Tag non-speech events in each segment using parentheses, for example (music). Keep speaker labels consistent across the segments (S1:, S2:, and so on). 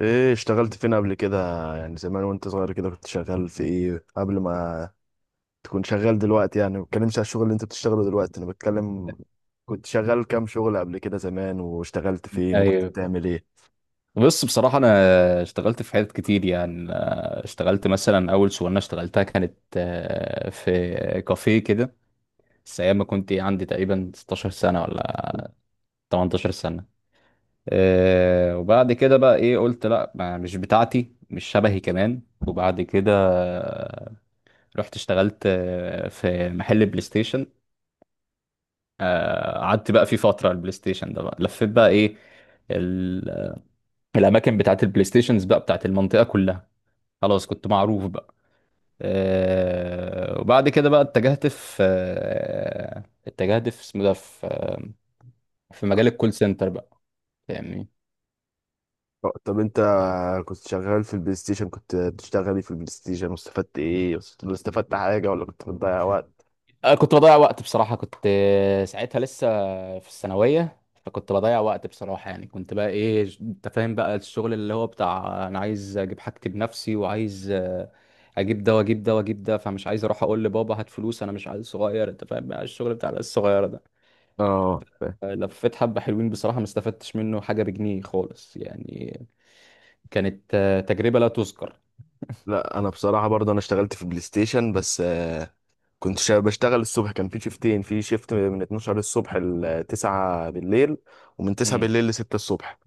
S1: ايه اشتغلت فين قبل كده؟ يعني زمان وانت صغير كده كنت شغال في ايه قبل ما تكون شغال دلوقتي؟ يعني ما بتكلمش على الشغل اللي انت بتشتغله دلوقتي، انا بتكلم كنت شغال كام شغل قبل كده زمان واشتغلت فين وكنت
S2: ايوه.
S1: بتعمل ايه؟
S2: بص، بصراحة أنا اشتغلت في حتت كتير، يعني اشتغلت مثلا أول شغلانة اشتغلتها كانت في كافيه كده، بس أيام ما كنت عندي تقريبا 16 سنة ولا 18 سنة. وبعد كده بقى إيه قلت لأ، مش بتاعتي، مش شبهي كمان. وبعد كده رحت اشتغلت في محل بلاي ستيشن. قعدت بقى فيه فترة على البلاي ستيشن ده، بقى لفيت بقى إيه ال- الأماكن بتاعت البلاي ستيشنز بقى بتاعت المنطقة كلها، خلاص كنت معروف بقى. وبعد كده بقى اتجهت في اسمه ده في في مجال الكول سنتر بقى، فاهمني.
S1: طب انت كنت شغال في البلاي ستيشن، كنت بتشتغل ايه في البلاي ستيشن واستفدت ايه؟ استفدت حاجة ولا كنت بتضيع وقت؟
S2: انا كنت بضيع وقت بصراحة، كنت ساعتها لسه في الثانوية، فكنت بضيع وقت بصراحة يعني. كنت بقى ايه انت فاهم بقى الشغل اللي هو بتاع، انا عايز اجيب حاجتي بنفسي وعايز اجيب ده واجيب ده واجيب ده، فمش عايز اروح اقول لبابا هات فلوس، انا مش عايز صغير، انت فاهم بقى الشغل بتاع العيال الصغيرة ده.
S1: اه فاهم.
S2: لفيت حبة حلوين بصراحة، ما استفدتش منه حاجة بجنيه خالص يعني، كانت تجربة لا تذكر.
S1: لا انا بصراحة برضه انا اشتغلت في البلاي ستيشن، بس بشتغل الصبح، كان في شيفتين، في شيفت من 12 الصبح ل 9 بالليل، ومن 9
S2: امم.
S1: بالليل ل 6 الصبح.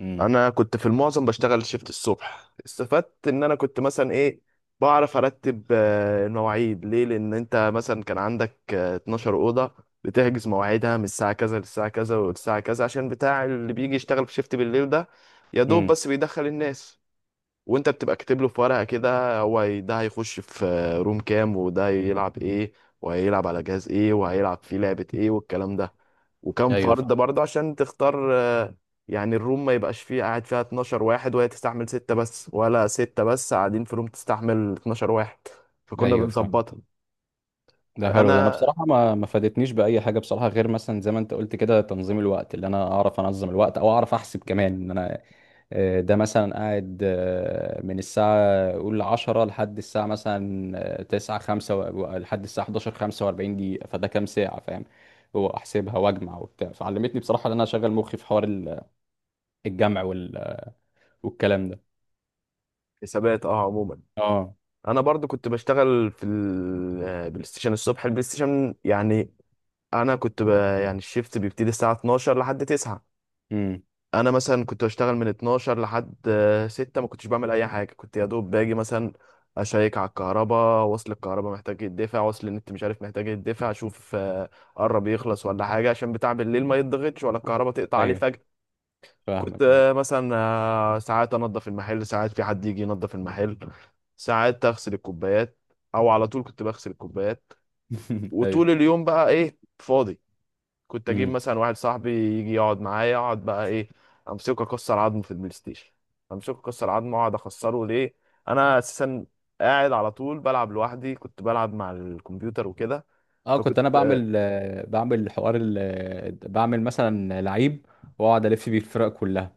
S2: امم.
S1: انا كنت في المعظم بشتغل شيفت الصبح، استفدت ان انا كنت مثلا ايه، بعرف ارتب المواعيد، ليه؟ لان انت مثلا كان عندك 12 اوضه، بتحجز مواعيدها من الساعه كذا للساعه كذا والساعه كذا، عشان بتاع اللي بيجي يشتغل في شيفت بالليل ده يا دوب
S2: امم.
S1: بس بيدخل الناس. وانت بتبقى كاتب له في ورقه كده، هو ده هيخش في روم كام، وده هيلعب ايه، وهيلعب على جهاز ايه، وهيلعب في لعبه ايه، والكلام ده. وكم
S2: ايوه،
S1: فرد
S2: فاهم.
S1: برضه عشان تختار، يعني الروم ما يبقاش فيه قاعد فيها 12 واحد وهي تستحمل ستة بس، ولا ستة بس قاعدين في روم تستحمل 12 واحد. فكنا
S2: ايوه، فاهم،
S1: بنظبطها.
S2: ده حلو ده. انا
S1: انا
S2: بصراحة ما فادتنيش بأي حاجة بصراحة، غير مثلا زي ما انت قلت كده، تنظيم الوقت، اللي انا اعرف انظم الوقت او اعرف احسب كمان ان انا ده مثلا قاعد من الساعة قول 10 لحد الساعة مثلا 9 5 لحد الساعة 11:45 دقيقة، فده كام ساعة، فاهم؟ هو أحسبها وأجمع وبتاع، فعلمتني بصراحة إن أنا أشغل مخي في حوار الجمع والكلام ده.
S1: حسابات اه عموما.
S2: اه.
S1: انا برضو كنت بشتغل في البلاي ستيشن الصبح، البلاي ستيشن يعني. انا كنت ب... يعني الشيفت بيبتدي الساعه 12 لحد 9.
S2: امم.
S1: انا مثلا كنت بشتغل من 12 لحد 6، ما كنتش بعمل اي حاجه، كنت يا دوب باجي مثلا اشيك على الكهرباء، وصل الكهرباء محتاج يدفع، وصل النت مش عارف محتاج يدفع، اشوف قرب يخلص ولا حاجه، عشان بتاع بالليل ما يتضغطش ولا الكهرباء تقطع عليه
S2: ايوه
S1: فجاه. كنت
S2: فاهمك. ايوه
S1: مثلا ساعات انضف المحل، ساعات في حد يجي ينضف المحل، ساعات اغسل الكوبايات، او على طول كنت بغسل الكوبايات.
S2: (laughs) ايوه.
S1: وطول اليوم بقى ايه، فاضي، كنت اجيب
S2: امم.
S1: مثلا واحد صاحبي يجي يقعد معايا، اقعد بقى ايه، امسكه اكسر عظمه في البلاي ستيشن. امسكه اكسر عظمه، اقعد اخسره ليه؟ انا اساسا قاعد على طول بلعب لوحدي، كنت بلعب مع الكمبيوتر وكده.
S2: اه، كنت انا
S1: فكنت
S2: بعمل بعمل حوار بعمل مثلا لعيب، واقعد الف بيه الفرق كلها.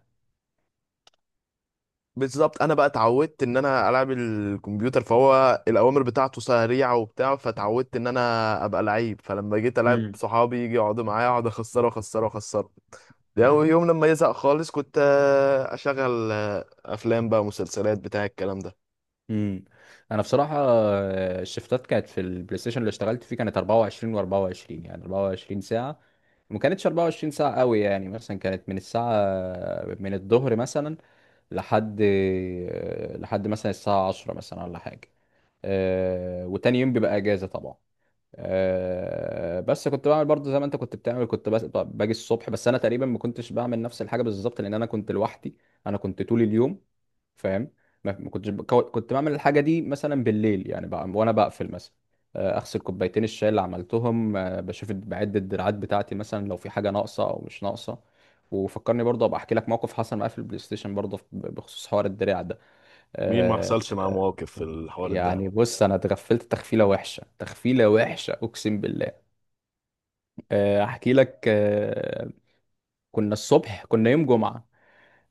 S1: بالظبط انا بقى اتعودت ان انا العب الكمبيوتر، فهو الاوامر بتاعته سريعه وبتاع، فتعودت ان انا ابقى لعيب. فلما جيت العب صحابي يجي يقعدوا معايا، اقعد اخسره اخسره اخسره. ده أول يوم، لما يزهق خالص كنت اشغل افلام بقى مسلسلات بتاع الكلام ده.
S2: امم. انا بصراحه الشفتات كانت في البلاي ستيشن اللي اشتغلت فيه كانت 24، و24 يعني 24 ساعه. ما كانتش 24 ساعه قوي يعني، مثلا كانت من الساعه، من الظهر مثلا، لحد لحد مثلا الساعه 10 مثلا ولا حاجه. وتاني يوم بيبقى اجازه طبعا. بس كنت بعمل برضه زي ما انت كنت بتعمل، كنت باجي الصبح، بس انا تقريبا ما كنتش بعمل نفس الحاجه بالظبط لان انا كنت لوحدي، انا كنت طول اليوم، فاهم. ما كنت بعمل الحاجه دي مثلا بالليل يعني بقى، وانا بقفل مثلا اغسل كوبايتين الشاي اللي عملتهم، بشوف بعد الدراعات بتاعتي مثلا، لو في حاجه ناقصه او مش ناقصه. وفكرني برضه ابقى احكي لك موقف حصل معايا في البلاي ستيشن برضه، بخصوص حوار الدراع ده.
S1: مين ما
S2: آه،
S1: حصلش معاه مواقف في الحوار ده؟
S2: يعني بص، انا اتغفلت تغفيله وحشه، تغفيله وحشه اقسم بالله. احكي لك، كنا الصبح، كنا يوم جمعة،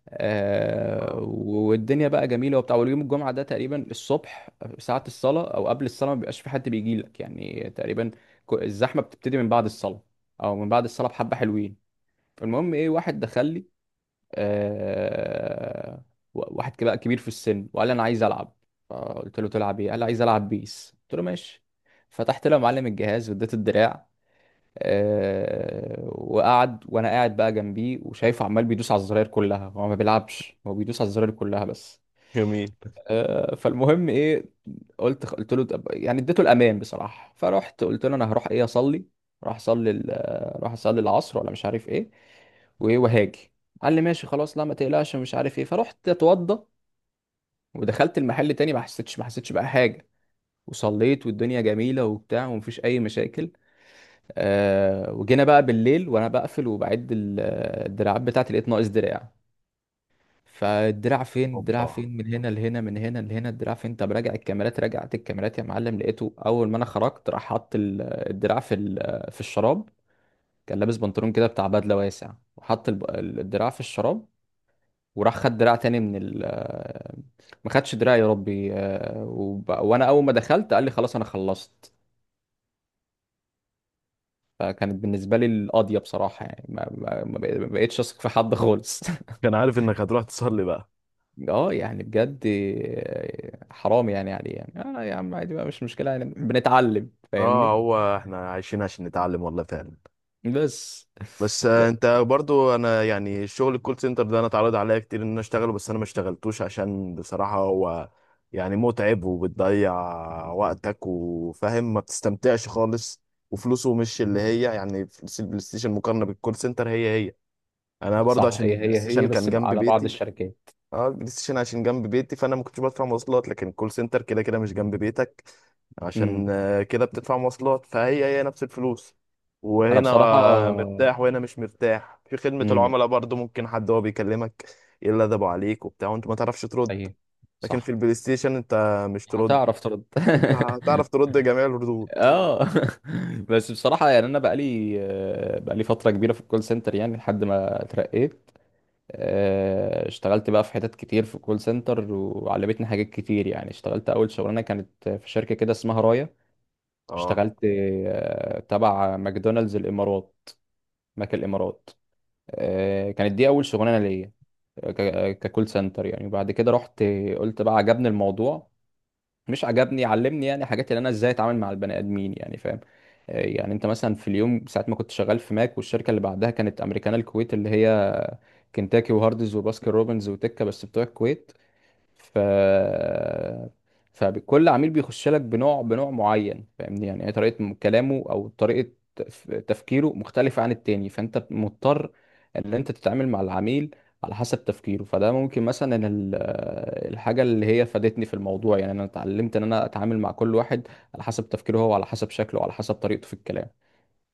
S1: آه.
S2: والدنيا بقى جميلة وبتاع. واليوم الجمعة ده تقريبا الصبح ساعة الصلاة او قبل الصلاة ما بيبقاش في حد بيجي لك، يعني تقريبا الزحمة بتبتدي من بعد الصلاة، او من بعد الصلاة بحبة حلوين. فالمهم ايه، واحد دخل لي، آه، واحد كده بقى كبير في السن، وقال لي انا عايز العب. فقلت له تلعب ايه؟ قال لي عايز العب بيس. قلت له ماشي. فتحت له يا معلم الجهاز واديته الدراع. وقعد وانا قاعد بقى جنبيه، وشايفه عمال بيدوس على الزراير كلها، هو ما بيلعبش، هو بيدوس على الزراير كلها بس.
S1: جميل.
S2: فالمهم ايه، قلت له يعني اديته الامان بصراحه، فرحت قلت له انا هروح ايه اصلي. راح اصلي راح اصلي العصر ولا مش عارف ايه، وايه وهاجي. قال لي ماشي خلاص، لا ما تقلقش، مش عارف ايه. فرحت اتوضى ودخلت المحل تاني، ما حسيتش بقى حاجه. وصليت والدنيا جميله وبتاع، ومفيش اي مشاكل. وجينا بقى بالليل وانا بقفل، وبعد الدراعات بتاعتي لقيت ناقص دراع. فالدراع فين، الدراع
S1: اوبا.
S2: فين، من هنا لهنا، من هنا لهنا، الدراع فين؟ طب راجع الكاميرات. رجعت الكاميرات يا معلم، لقيته اول ما انا خرجت راح حط الدراع في الشراب. كان لابس بنطلون كده بتاع بدله واسع، وحط الدراع في الشراب، وراح خد دراع تاني من ال، ما خدش دراع يا ربي. وانا اول ما دخلت قال لي خلاص انا خلصت. فكانت بالنسبة لي القاضية بصراحة، يعني ما بقتش أثق في حد خالص (laughs)
S1: كان عارف انك هتروح تصلي بقى؟
S2: اه يعني بجد حرام يعني عليه. يعني اه يا عم عادي بقى، مش مشكلة، يعني بنتعلم
S1: اه
S2: فاهمني.
S1: هو احنا عايشين عشان نتعلم، والله فعلا.
S2: بس
S1: بس
S2: بس-
S1: انت برضو، انا يعني شغل الكول سنتر ده انا اتعرض عليا كتير ان انا اشتغله، بس انا ما اشتغلتوش عشان بصراحة هو يعني متعب، وبتضيع وقتك، وفاهم، ما بتستمتعش خالص، وفلوسه مش اللي هي يعني فلوس البلاي ستيشن مقارنة بالكول سنتر هي هي. انا برضو
S2: صح،
S1: عشان
S2: هي
S1: البلاي
S2: هي هي
S1: ستيشن كان
S2: بس بقى
S1: جنب
S2: على بعض
S1: بيتي.
S2: الشركات.
S1: اه البلاي ستيشن عشان جنب بيتي فانا ما كنتش بدفع مواصلات، لكن كول سنتر كده كده مش جنب بيتك،
S2: امم.
S1: عشان كده بتدفع مواصلات، فهي هي نفس الفلوس.
S2: انا
S1: وهنا
S2: بصراحة.
S1: مرتاح، وهنا مش مرتاح. في خدمة
S2: امم.
S1: العملاء برضو ممكن حد هو بيكلمك يلدبوا عليك وبتاع، وانت ما تعرفش ترد.
S2: ايوه،
S1: لكن في
S2: صح.
S1: البلاي ستيشن انت مش ترد،
S2: هتعرف ترد (laughs)
S1: انت هتعرف ترد جميع الردود.
S2: اه (laughs) بس بصراحة يعني انا بقالي بقالي فترة كبيرة في الكول سنتر، يعني لحد ما اترقيت. اشتغلت بقى في حتت كتير في كول سنتر وعلمتني حاجات كتير يعني. اشتغلت اول شغلانه كانت في شركه كده اسمها رايا،
S1: اه،
S2: اشتغلت تبع ماكدونالدز الامارات، ماك الامارات. كانت دي اول شغلانه ليا، ككول سنتر يعني. وبعد كده رحت، قلت بقى عجبني الموضوع، مش عجبني، علمني يعني حاجات، اللي انا ازاي اتعامل مع البني ادمين، يعني فاهم. يعني انت مثلا في اليوم، ساعه ما كنت شغال في ماك، والشركه اللي بعدها كانت امريكانا الكويت، اللي هي كنتاكي وهاردز وباسكن روبنز وتكه، بس بتوع الكويت. ف فكل عميل بيخش لك بنوع، بنوع معين، فاهمني. يعني هي طريقة كلامه او طريقة تفكيره مختلفة عن التاني، فانت مضطر ان انت تتعامل مع العميل على حسب تفكيره. فده ممكن مثلا الحاجة اللي هي فادتني في الموضوع، يعني انا اتعلمت ان انا اتعامل مع كل واحد على حسب تفكيره هو، على حسب شكله وعلى حسب طريقته في الكلام.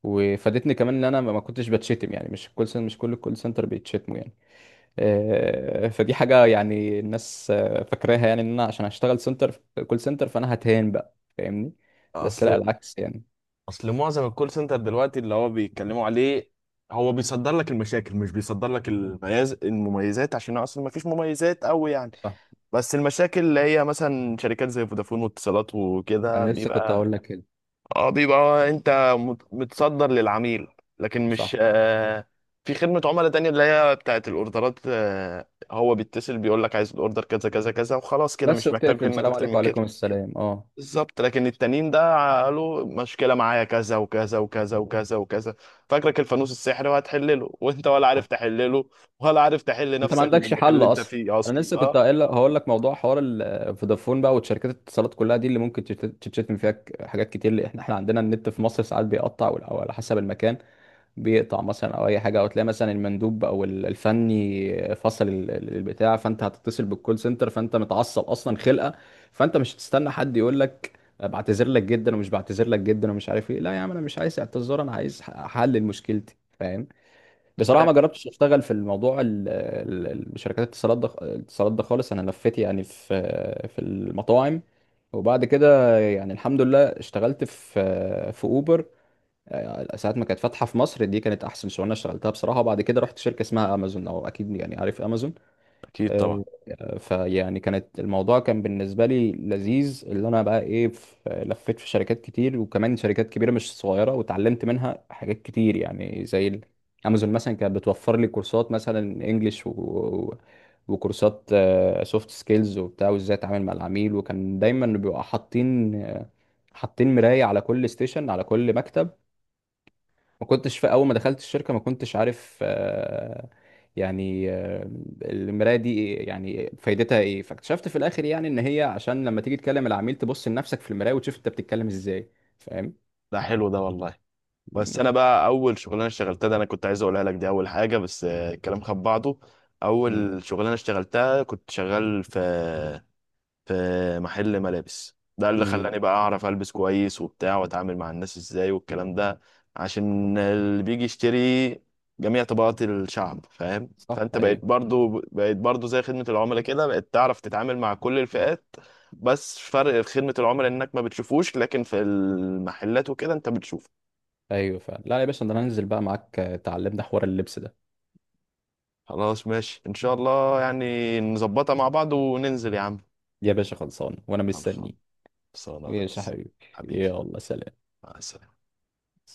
S2: وفادتني كمان ان انا ما كنتش بتشتم يعني، مش كل سن، مش كل الكول سنتر بيتشتموا يعني. فدي حاجة يعني الناس فاكراها يعني، ان انا عشان هشتغل سنتر، كول سنتر، فانا هتهان بقى فاهمني. بس لا
S1: اصل،
S2: العكس يعني.
S1: اصل معظم الكول سنتر دلوقتي اللي هو بيتكلموا عليه هو بيصدر لك المشاكل، مش بيصدر لك المميز المميزات، عشان اصلا ما فيش مميزات قوي يعني.
S2: صح،
S1: بس المشاكل اللي هي مثلا شركات زي فودافون واتصالات وكده
S2: انا لسه كنت
S1: بيبقى،
S2: هقول لك كده.
S1: اه بيبقى انت متصدر للعميل، لكن مش
S2: صح،
S1: في خدمة عملاء تانية اللي هي بتاعت الاوردرات، هو بيتصل بيقول لك عايز الاوردر كذا كذا كذا، وخلاص كده
S2: بس
S1: مش
S2: وبتقفل
S1: محتاج منك
S2: السلام
S1: اكتر
S2: عليكم
S1: من كده.
S2: وعليكم السلام. اه،
S1: بالظبط، لكن التانيين ده قالوا مشكلة معايا كذا وكذا وكذا وكذا وكذا، فاكرك الفانوس السحري وهتحلله، وانت ولا عارف
S2: صح،
S1: تحلله ولا عارف تحل
S2: انت ما
S1: نفسك من
S2: عندكش
S1: المكان
S2: حل
S1: اللي انت
S2: اصلا.
S1: فيه
S2: انا
S1: اصلا.
S2: لسه كنت
S1: اه
S2: هقول لك، موضوع حوار فودافون بقى وشركات الاتصالات كلها دي، اللي ممكن تتشتم فيها حاجات كتير، اللي احنا عندنا النت في مصر ساعات بيقطع او على حسب المكان بيقطع مثلا، او اي حاجه، او تلاقي مثلا المندوب او الفني فصل البتاع، فانت هتتصل بالكول سنتر فانت متعصب اصلا خلقه، فانت مش هتستنى حد يقول لك بعتذر لك جدا ومش بعتذر لك جدا ومش عارف ايه. لا يا عم انا مش عايز اعتذار، انا عايز حل لمشكلتي، فاهم. بصراحه
S1: فاهم.
S2: ما جربتش اشتغل في الموضوع شركات الاتصالات ده، الاتصالات ده خالص. انا لفيت يعني في المطاعم، وبعد كده يعني الحمد لله اشتغلت في اوبر ساعات ما كانت فاتحه في مصر، دي كانت احسن شغلانه اشتغلتها بصراحه. وبعد كده رحت شركه اسمها امازون، او اكيد يعني عارف امازون.
S1: اكيد طبعا.
S2: آه، فيعني كانت الموضوع كان بالنسبه لي لذيذ، اللي انا بقى ايه لفيت في شركات كتير، وكمان شركات كبيره مش صغيره، واتعلمت منها حاجات كتير يعني. زي امازون مثلا كانت بتوفر لي كورسات مثلا انجليش وكورسات سوفت سكيلز وبتاع، وازاي اتعامل مع العميل. وكان دايما بيبقى حاطين حاطين مراية على كل ستيشن، على كل مكتب. ما كنتش، في اول ما دخلت الشركه ما كنتش عارف يعني آه، المرايه دي يعني فايدتها ايه. فاكتشفت في الاخر يعني ان هي عشان لما تيجي تكلم العميل، تبص لنفسك في المرايه وتشوف انت بتتكلم ازاي، فاهم.
S1: ده حلو ده والله. بس انا بقى اول شغلانه اشتغلتها، ده انا كنت عايز اقولها لك، دي اول حاجه، بس الكلام خد بعضه.
S2: امم.
S1: اول شغلانه اشتغلتها كنت شغال في محل ملابس، ده اللي
S2: امم.
S1: خلاني بقى اعرف البس كويس وبتاع، واتعامل مع الناس ازاي والكلام ده، عشان اللي بيجي يشتري جميع طبقات الشعب، فاهم؟
S2: صح،
S1: فانت
S2: ايوه.
S1: بقيت برضو زي خدمة العملاء كده، بقيت تعرف تتعامل مع كل الفئات. بس فرق في خدمة العملاء انك ما بتشوفوش، لكن في المحلات وكده انت بتشوفه.
S2: ايوه فعلا، لا يا باشا، ده انا هنزل بقى معاك. تعلمنا حوار اللبس ده.
S1: خلاص ماشي ان شاء الله، يعني نظبطها مع بعض وننزل يا عم.
S2: يا باشا خلصان وانا
S1: خلصان.
S2: مستنيك.
S1: خلصان يا
S2: ماشي يا
S1: ريس.
S2: حبيبي.
S1: حبيبي.
S2: يلا سلام.
S1: مع السلامة.